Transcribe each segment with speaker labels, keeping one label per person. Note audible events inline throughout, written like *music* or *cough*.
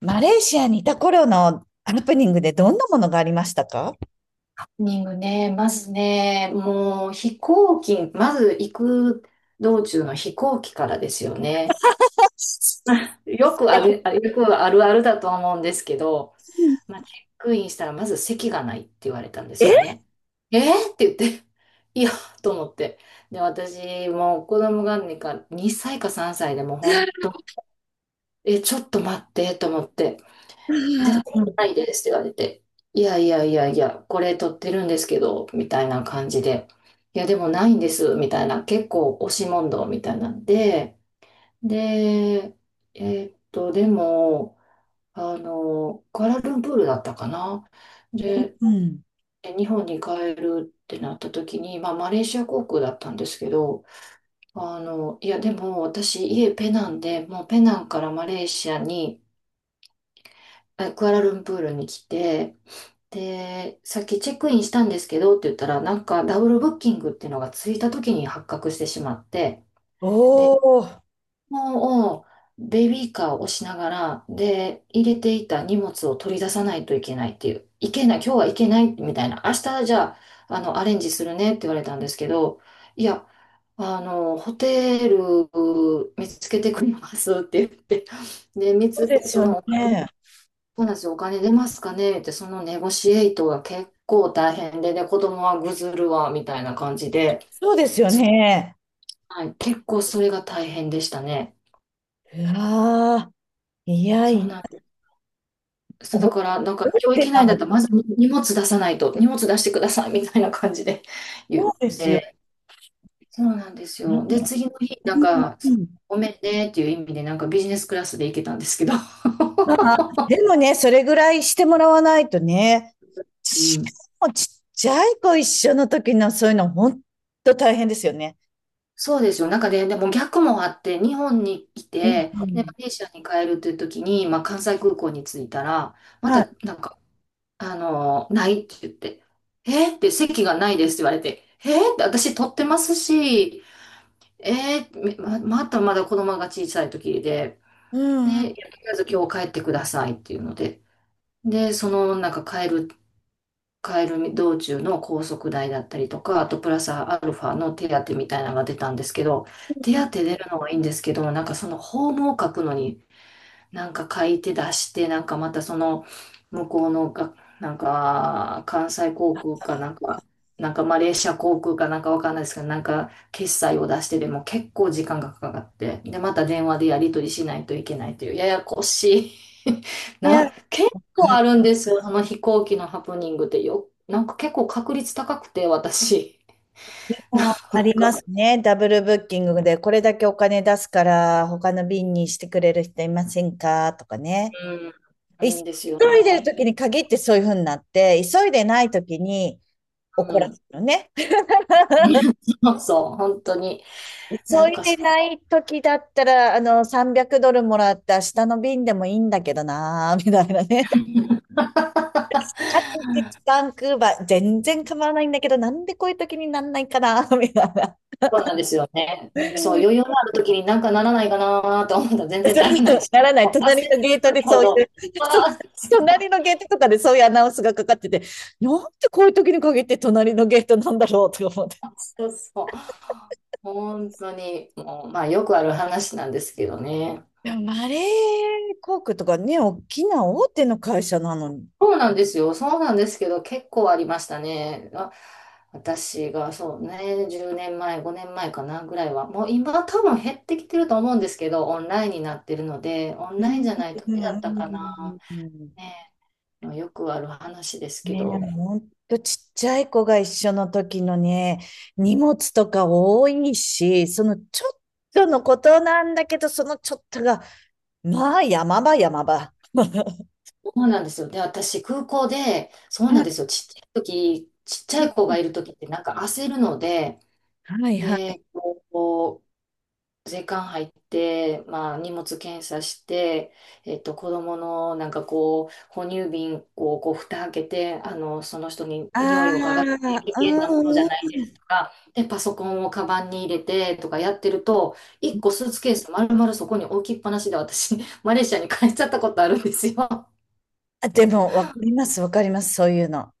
Speaker 1: マレーシアにいた頃のハプニングでどんなものがありましたか。
Speaker 2: ニングね、まずね、もう飛行機、まず行く道中の飛行機からですよね。*laughs* よくある、よくあるあるだと思うんですけど、まあ、チェックインしたらまず席がないって言われたんですよ
Speaker 1: え。
Speaker 2: ね。えー、って言って、*laughs* いや、と思って。で、私、もう子供が2歳か3歳でもうほんと、え、ちょっと待って、と思って。
Speaker 1: う
Speaker 2: じゃ
Speaker 1: ん。
Speaker 2: あ、ないですって言われて、いやいやいやいや、これ撮ってるんですけど、みたいな感じで、いや、でもないんです、みたいな、結構押し問答みたいなんで、で、えでも、クアラルンプールだったかな。で、
Speaker 1: うん。
Speaker 2: 日本に帰るってなった時に、まあ、マレーシア航空だったんですけど、でも私、家ペナンで、もうペナンからマレーシアに、クアラルンプールに来て、で、さっきチェックインしたんですけどって言ったら、なんかダブルブッキングっていうのがついた時に発覚してしまって、で、
Speaker 1: おー、そ
Speaker 2: もうベビーカーを押しながら、で、入れていた荷物を取り出さないといけないっていう、いけない、今日はいけないみたいな、明日じゃあ、アレンジするねって言われたんですけど、いや、ホテル見つけてくれますって言って、で、見
Speaker 1: う
Speaker 2: つ
Speaker 1: で
Speaker 2: け、
Speaker 1: す
Speaker 2: そ
Speaker 1: よ
Speaker 2: の、
Speaker 1: ね。
Speaker 2: そうなんですよ。お金出ますかねって、そのネゴシエイトが結構大変で、で、子供はぐずるわ、みたいな感じで、
Speaker 1: そうですよね。
Speaker 2: はい、結構それが大変でしたね。
Speaker 1: うわー、いや
Speaker 2: そ
Speaker 1: い
Speaker 2: う
Speaker 1: や、
Speaker 2: なんです。そうだから、なんか、
Speaker 1: 覚え
Speaker 2: 今日
Speaker 1: て
Speaker 2: 行けな
Speaker 1: た
Speaker 2: いんだっ
Speaker 1: の。
Speaker 2: たら、まず荷物出さないと、荷物出してください、みたいな感じで *laughs* 言っ
Speaker 1: そうですよ
Speaker 2: て、そうなんですよ。で、
Speaker 1: ね。
Speaker 2: 次の日、な
Speaker 1: う
Speaker 2: ん
Speaker 1: ん。
Speaker 2: か、
Speaker 1: うん。
Speaker 2: ごめんねっていう意味で、なんかビジネスクラスで行けたんですけど、
Speaker 1: まあ、でもね、それぐらいしてもらわないとね、
Speaker 2: *laughs* う
Speaker 1: し
Speaker 2: ん。
Speaker 1: かもちっちゃい子一緒の時のそういうの、本当と大変ですよね。
Speaker 2: そうですよ。なんかね、でも逆もあって、日本に来
Speaker 1: うん。
Speaker 2: て、
Speaker 1: う
Speaker 2: で、
Speaker 1: ん。
Speaker 2: マレーシアに帰るという時に、まあ、関西空港に着いたら、ま
Speaker 1: はい。
Speaker 2: た、なんか、ないって言って、えーって席がないですって言われて、えーって私取ってますし、ま、またまだ子供が小さい時で、
Speaker 1: う
Speaker 2: で、い
Speaker 1: ん。うん。
Speaker 2: や、とりあえず今日帰ってくださいっていうので、で、帰る道中の高速代だったりとか、あとプラスアルファの手当みたいなのが出たんですけど、手当出るのはいいんですけど、なんかそのホームを書くのになんか書いて出して、なんかまたその向こうのが、なんか関西航空かなんか、なんかマレーシア航空かなんかわかんないですけど、なんか決済を出してでも結構時間がかかって、で、また電話でやり取りしないといけないという、ややこしい *laughs*
Speaker 1: いや、
Speaker 2: 結構あるんですよ、その飛行機のハプニングってなんか結構確率高くて、私。*laughs* な
Speaker 1: ああ
Speaker 2: ん
Speaker 1: りま
Speaker 2: か、
Speaker 1: すね。ダブルブッキングで、これだけお金出すから、他の便にしてくれる人いませんかとかね。
Speaker 2: うん、あ
Speaker 1: い
Speaker 2: る
Speaker 1: 急
Speaker 2: んですよ
Speaker 1: いでる
Speaker 2: ね。
Speaker 1: 時に限ってそういうふうになって、急いでない時に
Speaker 2: う
Speaker 1: 怒らせ
Speaker 2: ん。
Speaker 1: るのね。*laughs*
Speaker 2: *laughs* そうそう、本当に。
Speaker 1: 急
Speaker 2: なんか
Speaker 1: いで
Speaker 2: そ
Speaker 1: ない時だったら、300ドルもらって明日の便でもいいんだけどなー、みたいなね。あと1時間クーバー、全然構わないんだけど、なんでこういう時になんないかなー、みたいな。
Speaker 2: そうなんですよね。そう、余裕のある時になんかならないかなと思ったら全然ならないし、
Speaker 1: *laughs* ならない。
Speaker 2: もう焦っ
Speaker 1: 隣の
Speaker 2: て
Speaker 1: ゲー
Speaker 2: る
Speaker 1: トで
Speaker 2: 時ほ
Speaker 1: そういう、
Speaker 2: ど、
Speaker 1: *laughs*
Speaker 2: ああ、そう、
Speaker 1: 隣のゲートとかでそういうアナウンスがかかってて、なんでこういう時に限って隣のゲートなんだろうとか思って。
Speaker 2: そうそう。本当に、もう、まあよくある話なんですけどね。
Speaker 1: でもマレー航空とかね、大きな大手の会社なのに。
Speaker 2: そうなんですよ。そうなんですけど、結構ありましたね。あ、私がそうね、10年前、5年前かなぐらいは、もう今多分減ってきてると思うんですけど、オンラインになってるので、オン
Speaker 1: うん。
Speaker 2: ラインじゃない
Speaker 1: う
Speaker 2: 時だったかな。
Speaker 1: ん。うん。
Speaker 2: ねえ、もうよくある話ですけ
Speaker 1: ね
Speaker 2: ど、
Speaker 1: え、ほんとちっちゃい子が一緒の時のね、荷物とか多いし、そのちょっとのことなんだけど、そのちょっとが、まあ山場山場。
Speaker 2: そうなんですよ。で、私、空港で、そうなんですよ。ちっちゃい時、ちっちゃい子
Speaker 1: *laughs*
Speaker 2: がいる時って、なんか焦るので、
Speaker 1: はいはい。
Speaker 2: で、こう、時間入って、まあ、荷物検査して、子供のなんかこう、哺乳瓶をこう、蓋開けて、その人に
Speaker 1: あ
Speaker 2: 匂
Speaker 1: あ、
Speaker 2: いを嗅がせて、危
Speaker 1: う
Speaker 2: 険なものじゃ
Speaker 1: ん。う
Speaker 2: ない
Speaker 1: ん。
Speaker 2: ですとか、で、パソコンをカバンに入れてとかやってると、一個スーツケース丸々そこに置きっぱなしで私、*laughs* マレーシアに帰っちゃったことあるんですよ。
Speaker 1: あ、でも、わかります、わかります、そういうの。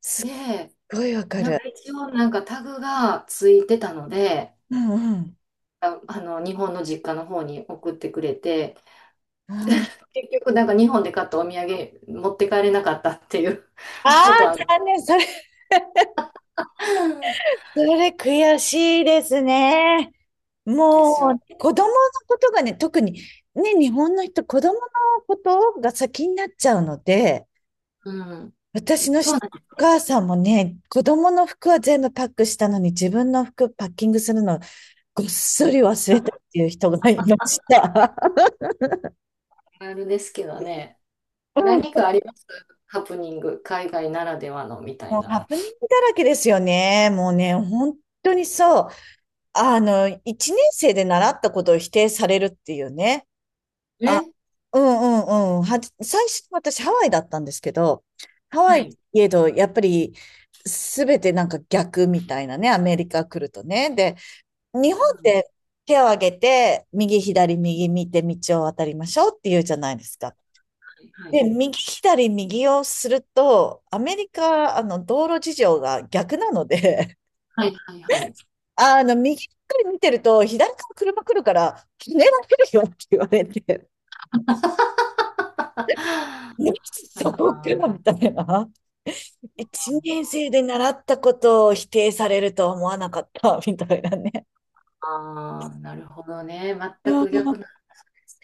Speaker 1: す
Speaker 2: で、
Speaker 1: っごいわか
Speaker 2: なん
Speaker 1: る。
Speaker 2: か一応なんかタグがついてたので、
Speaker 1: うん。うん。
Speaker 2: 日本の実家の方に送ってくれて、
Speaker 1: あー。
Speaker 2: 結局、なんか日本で買ったお土産持って帰れなかったっていう
Speaker 1: あ
Speaker 2: *laughs* こと
Speaker 1: ー、
Speaker 2: はあっ
Speaker 1: 残念、それ、それ悔しいですね。
Speaker 2: たで
Speaker 1: も
Speaker 2: す
Speaker 1: う
Speaker 2: よ。
Speaker 1: ね、子供のことがね、特に、ね、日本の人、子供のことが先になっちゃうので、
Speaker 2: うん。
Speaker 1: 私のしお母さんもね、子供の服は全部パックしたのに、自分の服パッキングするの、ごっそり忘れたっていう人がいました。
Speaker 2: あるですけどね。
Speaker 1: うん、
Speaker 2: 何かありますハプニング、海外ならではのみたい
Speaker 1: もう
Speaker 2: な。
Speaker 1: ハプニングだらけですよね。もうね、本当にそう。一年生で習ったことを否定されるっていうね。あ、
Speaker 2: え
Speaker 1: うん。うん。うん。最初、私ハワイだったんですけど、ハワ
Speaker 2: は
Speaker 1: イ
Speaker 2: い。
Speaker 1: いえど、やっぱり、すべてなんか逆みたいなね、アメリカ来るとね。で、日本っ
Speaker 2: うん、
Speaker 1: て手を挙げて、右左右見て道を渡りましょうっていうじゃないですか。
Speaker 2: は
Speaker 1: で、
Speaker 2: い。
Speaker 1: 右左右をすると、アメリカ、道路事情が逆なので、
Speaker 2: はい。はい。はい。
Speaker 1: *laughs* 右ばっかり見てると、左から車来るから、ひねられるよって言われて、*laughs* いやそこから
Speaker 2: あ
Speaker 1: みたいな。一年生で習ったことを否定されるとは思わなかった、*laughs* みたいなね。
Speaker 2: あ、ー、なるほどね。全
Speaker 1: うん。
Speaker 2: く逆なんで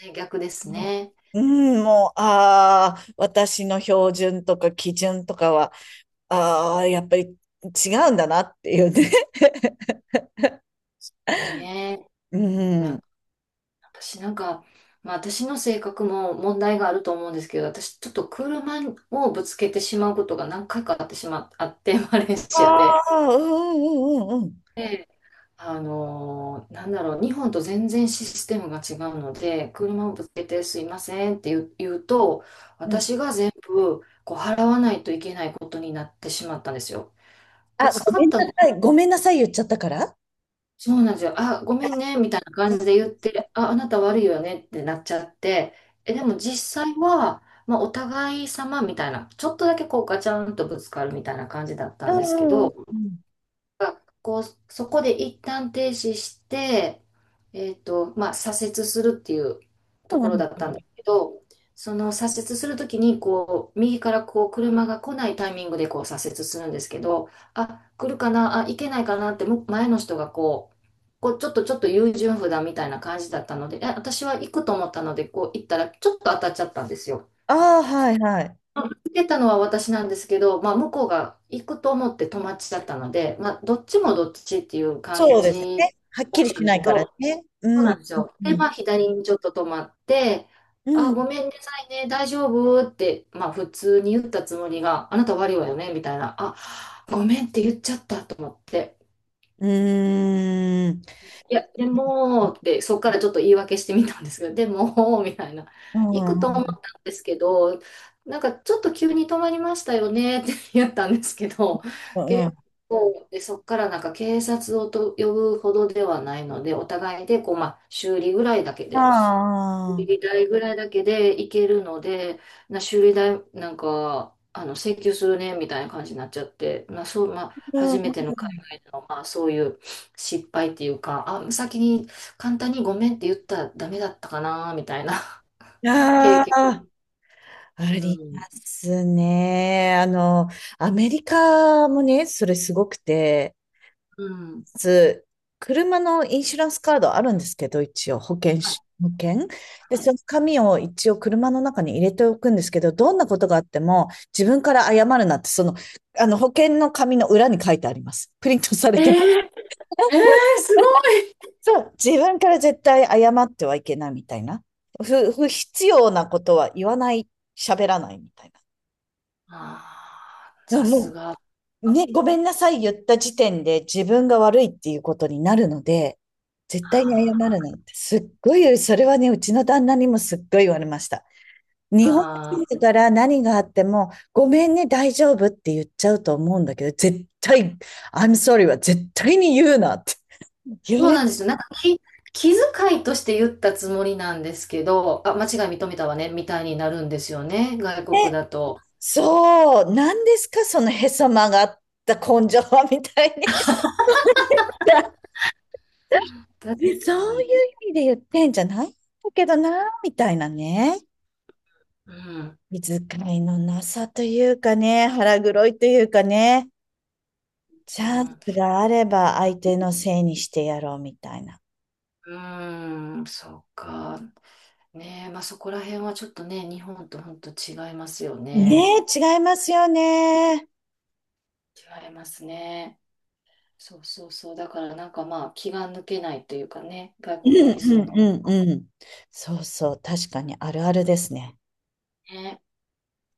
Speaker 2: すね。逆ですね。
Speaker 1: うん、もう、ああ、私の標準とか基準とかは、ああ、やっぱり違うんだなっていうね。
Speaker 2: ね。
Speaker 1: う
Speaker 2: なん
Speaker 1: ん。
Speaker 2: か私なんか、まあ私の性格も問題があると思うんですけど、私ちょっと車をぶつけてしまうことが何回かあってしま、*laughs* あって、マレーシア
Speaker 1: あ
Speaker 2: で。
Speaker 1: あ、うん。うん。うん。うん。
Speaker 2: で、なんだろう、日本と全然システムが違うので、車をぶつけてすいませんって言う、言うと、
Speaker 1: うん。
Speaker 2: 私が全部こう払わないといけないことになってしまったんですよ。ぶ
Speaker 1: あ、
Speaker 2: つ
Speaker 1: ご
Speaker 2: か
Speaker 1: め
Speaker 2: っ
Speaker 1: ん
Speaker 2: た
Speaker 1: なさい。ごめんなさい言っちゃったから。
Speaker 2: そうなんですよ。あ、ごめんね、みたいな感じで言って、あ、あなた悪いよねってなっちゃって、え、でも実際は、まあ、お互い様みたいな、ちょっとだけこうガチャンとぶつかるみたいな感じだっ
Speaker 1: う
Speaker 2: たんですけ
Speaker 1: ん。うん。
Speaker 2: ど、
Speaker 1: うん。
Speaker 2: が、こう、そこで一旦停止して、まあ、左折するっていう
Speaker 1: う
Speaker 2: ところ
Speaker 1: ん。
Speaker 2: だったんだけど、その左折するときに、こう、右からこう、車が来ないタイミングでこう、左折するんですけど、あ、来るかな、あ、行けないかなって、前の人がこう、こう、ちょっと優柔不断みたいな感じだったので、え、私は行くと思ったので、こう、行ったら、ちょっと当たっちゃったんですよ。
Speaker 1: ああ、はいはい。
Speaker 2: 受けたのは私なんですけど、まあ、向こうが行くと思って友達だったので、まあ、どっちもどっちっていう感
Speaker 1: そうですね。
Speaker 2: じ
Speaker 1: はっ
Speaker 2: だ
Speaker 1: きり
Speaker 2: った
Speaker 1: し
Speaker 2: んです
Speaker 1: ない
Speaker 2: け
Speaker 1: から
Speaker 2: ど、
Speaker 1: ね。
Speaker 2: そう
Speaker 1: うん。
Speaker 2: な
Speaker 1: う
Speaker 2: んです
Speaker 1: ん。
Speaker 2: よ。で、
Speaker 1: う
Speaker 2: ま
Speaker 1: ん。
Speaker 2: あ、左にちょっと止まって、
Speaker 1: う
Speaker 2: あ、
Speaker 1: ん。
Speaker 2: ごめんなさいね、大丈夫って、まあ、普通に言ったつもりが、あなた悪いわよね、みたいな、あ、ごめんって言っちゃったと思って。
Speaker 1: うーん。
Speaker 2: いや、でも、ってそこからちょっと言い訳してみたんですけど、でも、*laughs* みたいな。
Speaker 1: う
Speaker 2: 行
Speaker 1: ん。う
Speaker 2: くと思った
Speaker 1: ん。
Speaker 2: んですけど、なんかちょっと急に止まりましたよねって言ったんですけど、
Speaker 1: うん。う
Speaker 2: 結構、で、そこからなんか警察を呼ぶほどではないので、お互いでこう、まあ、
Speaker 1: ん。
Speaker 2: 修
Speaker 1: ああ。
Speaker 2: 理代ぐらいだけでいけるので、修理代なんか請求するねみたいな感じになっちゃって、まあ、
Speaker 1: うん。う
Speaker 2: 初めての
Speaker 1: ん。
Speaker 2: 海外での、まあ、そういう失敗っていうか、あ、先に簡単にごめんって言ったらダメだったかなみたいな
Speaker 1: うん。
Speaker 2: *laughs* 経
Speaker 1: あ
Speaker 2: 験。
Speaker 1: あ。うん。ああ、あ
Speaker 2: う
Speaker 1: りま
Speaker 2: ん。
Speaker 1: すね。アメリカもね、それすごくて、
Speaker 2: うん。
Speaker 1: つ、車のインシュランスカードあるんですけど、一応保険
Speaker 2: はい
Speaker 1: し、保険で、
Speaker 2: は
Speaker 1: そ
Speaker 2: い。
Speaker 1: の紙を一応車の中に入れておくんですけど、どんなことがあっても自分から謝るなって、その、あの保険の紙の裏に書いてあります。プリントされ
Speaker 2: え
Speaker 1: てます。
Speaker 2: ー、すごい。
Speaker 1: そう、自分から絶対謝ってはいけないみたいな。不必要なことは言わない、喋らないみたいな。
Speaker 2: ああ、
Speaker 1: いや
Speaker 2: さす
Speaker 1: も
Speaker 2: が。あー
Speaker 1: ね、ごめんなさい言った時点で自分が悪いっていうことになるので、絶対に謝
Speaker 2: あ。
Speaker 1: るなんて、すっごい、それはね、うちの旦那にもすっごい言われました。日本人
Speaker 2: ー。
Speaker 1: だから何があっても、ごめんね、大丈夫って言っちゃうと思うんだけど、絶対、I'm sorry は絶対に言うなって言わ
Speaker 2: そう
Speaker 1: れ、
Speaker 2: なんですよ。気遣いとして言ったつもりなんですけど、あ、間違い認めたわね、みたいになるんですよね、外国だと。
Speaker 1: そう、何ですか、そのへそ曲がった根性はみたいに。*laughs*
Speaker 2: 確か
Speaker 1: そうい
Speaker 2: に。
Speaker 1: う意味で言ってんじゃないんだけどな、みたいなね。
Speaker 2: うん。
Speaker 1: 気遣いのなさというかね、腹黒いというかね、チ
Speaker 2: う
Speaker 1: ャン
Speaker 2: ん、
Speaker 1: スがあれば相手のせいにしてやろうみたいな。
Speaker 2: うーん、そうか。ねえ、まあそこら辺はちょっとね、日本と本当違いますよね。
Speaker 1: ねえ、違いますよね。
Speaker 2: 違いますね。そうそうそう。だからなんかまあ気が抜けないというかね、
Speaker 1: う
Speaker 2: 外国
Speaker 1: ん。
Speaker 2: に住
Speaker 1: う
Speaker 2: んで
Speaker 1: ん。うん。うん。そうそう、確かにあるあるですね。
Speaker 2: ね。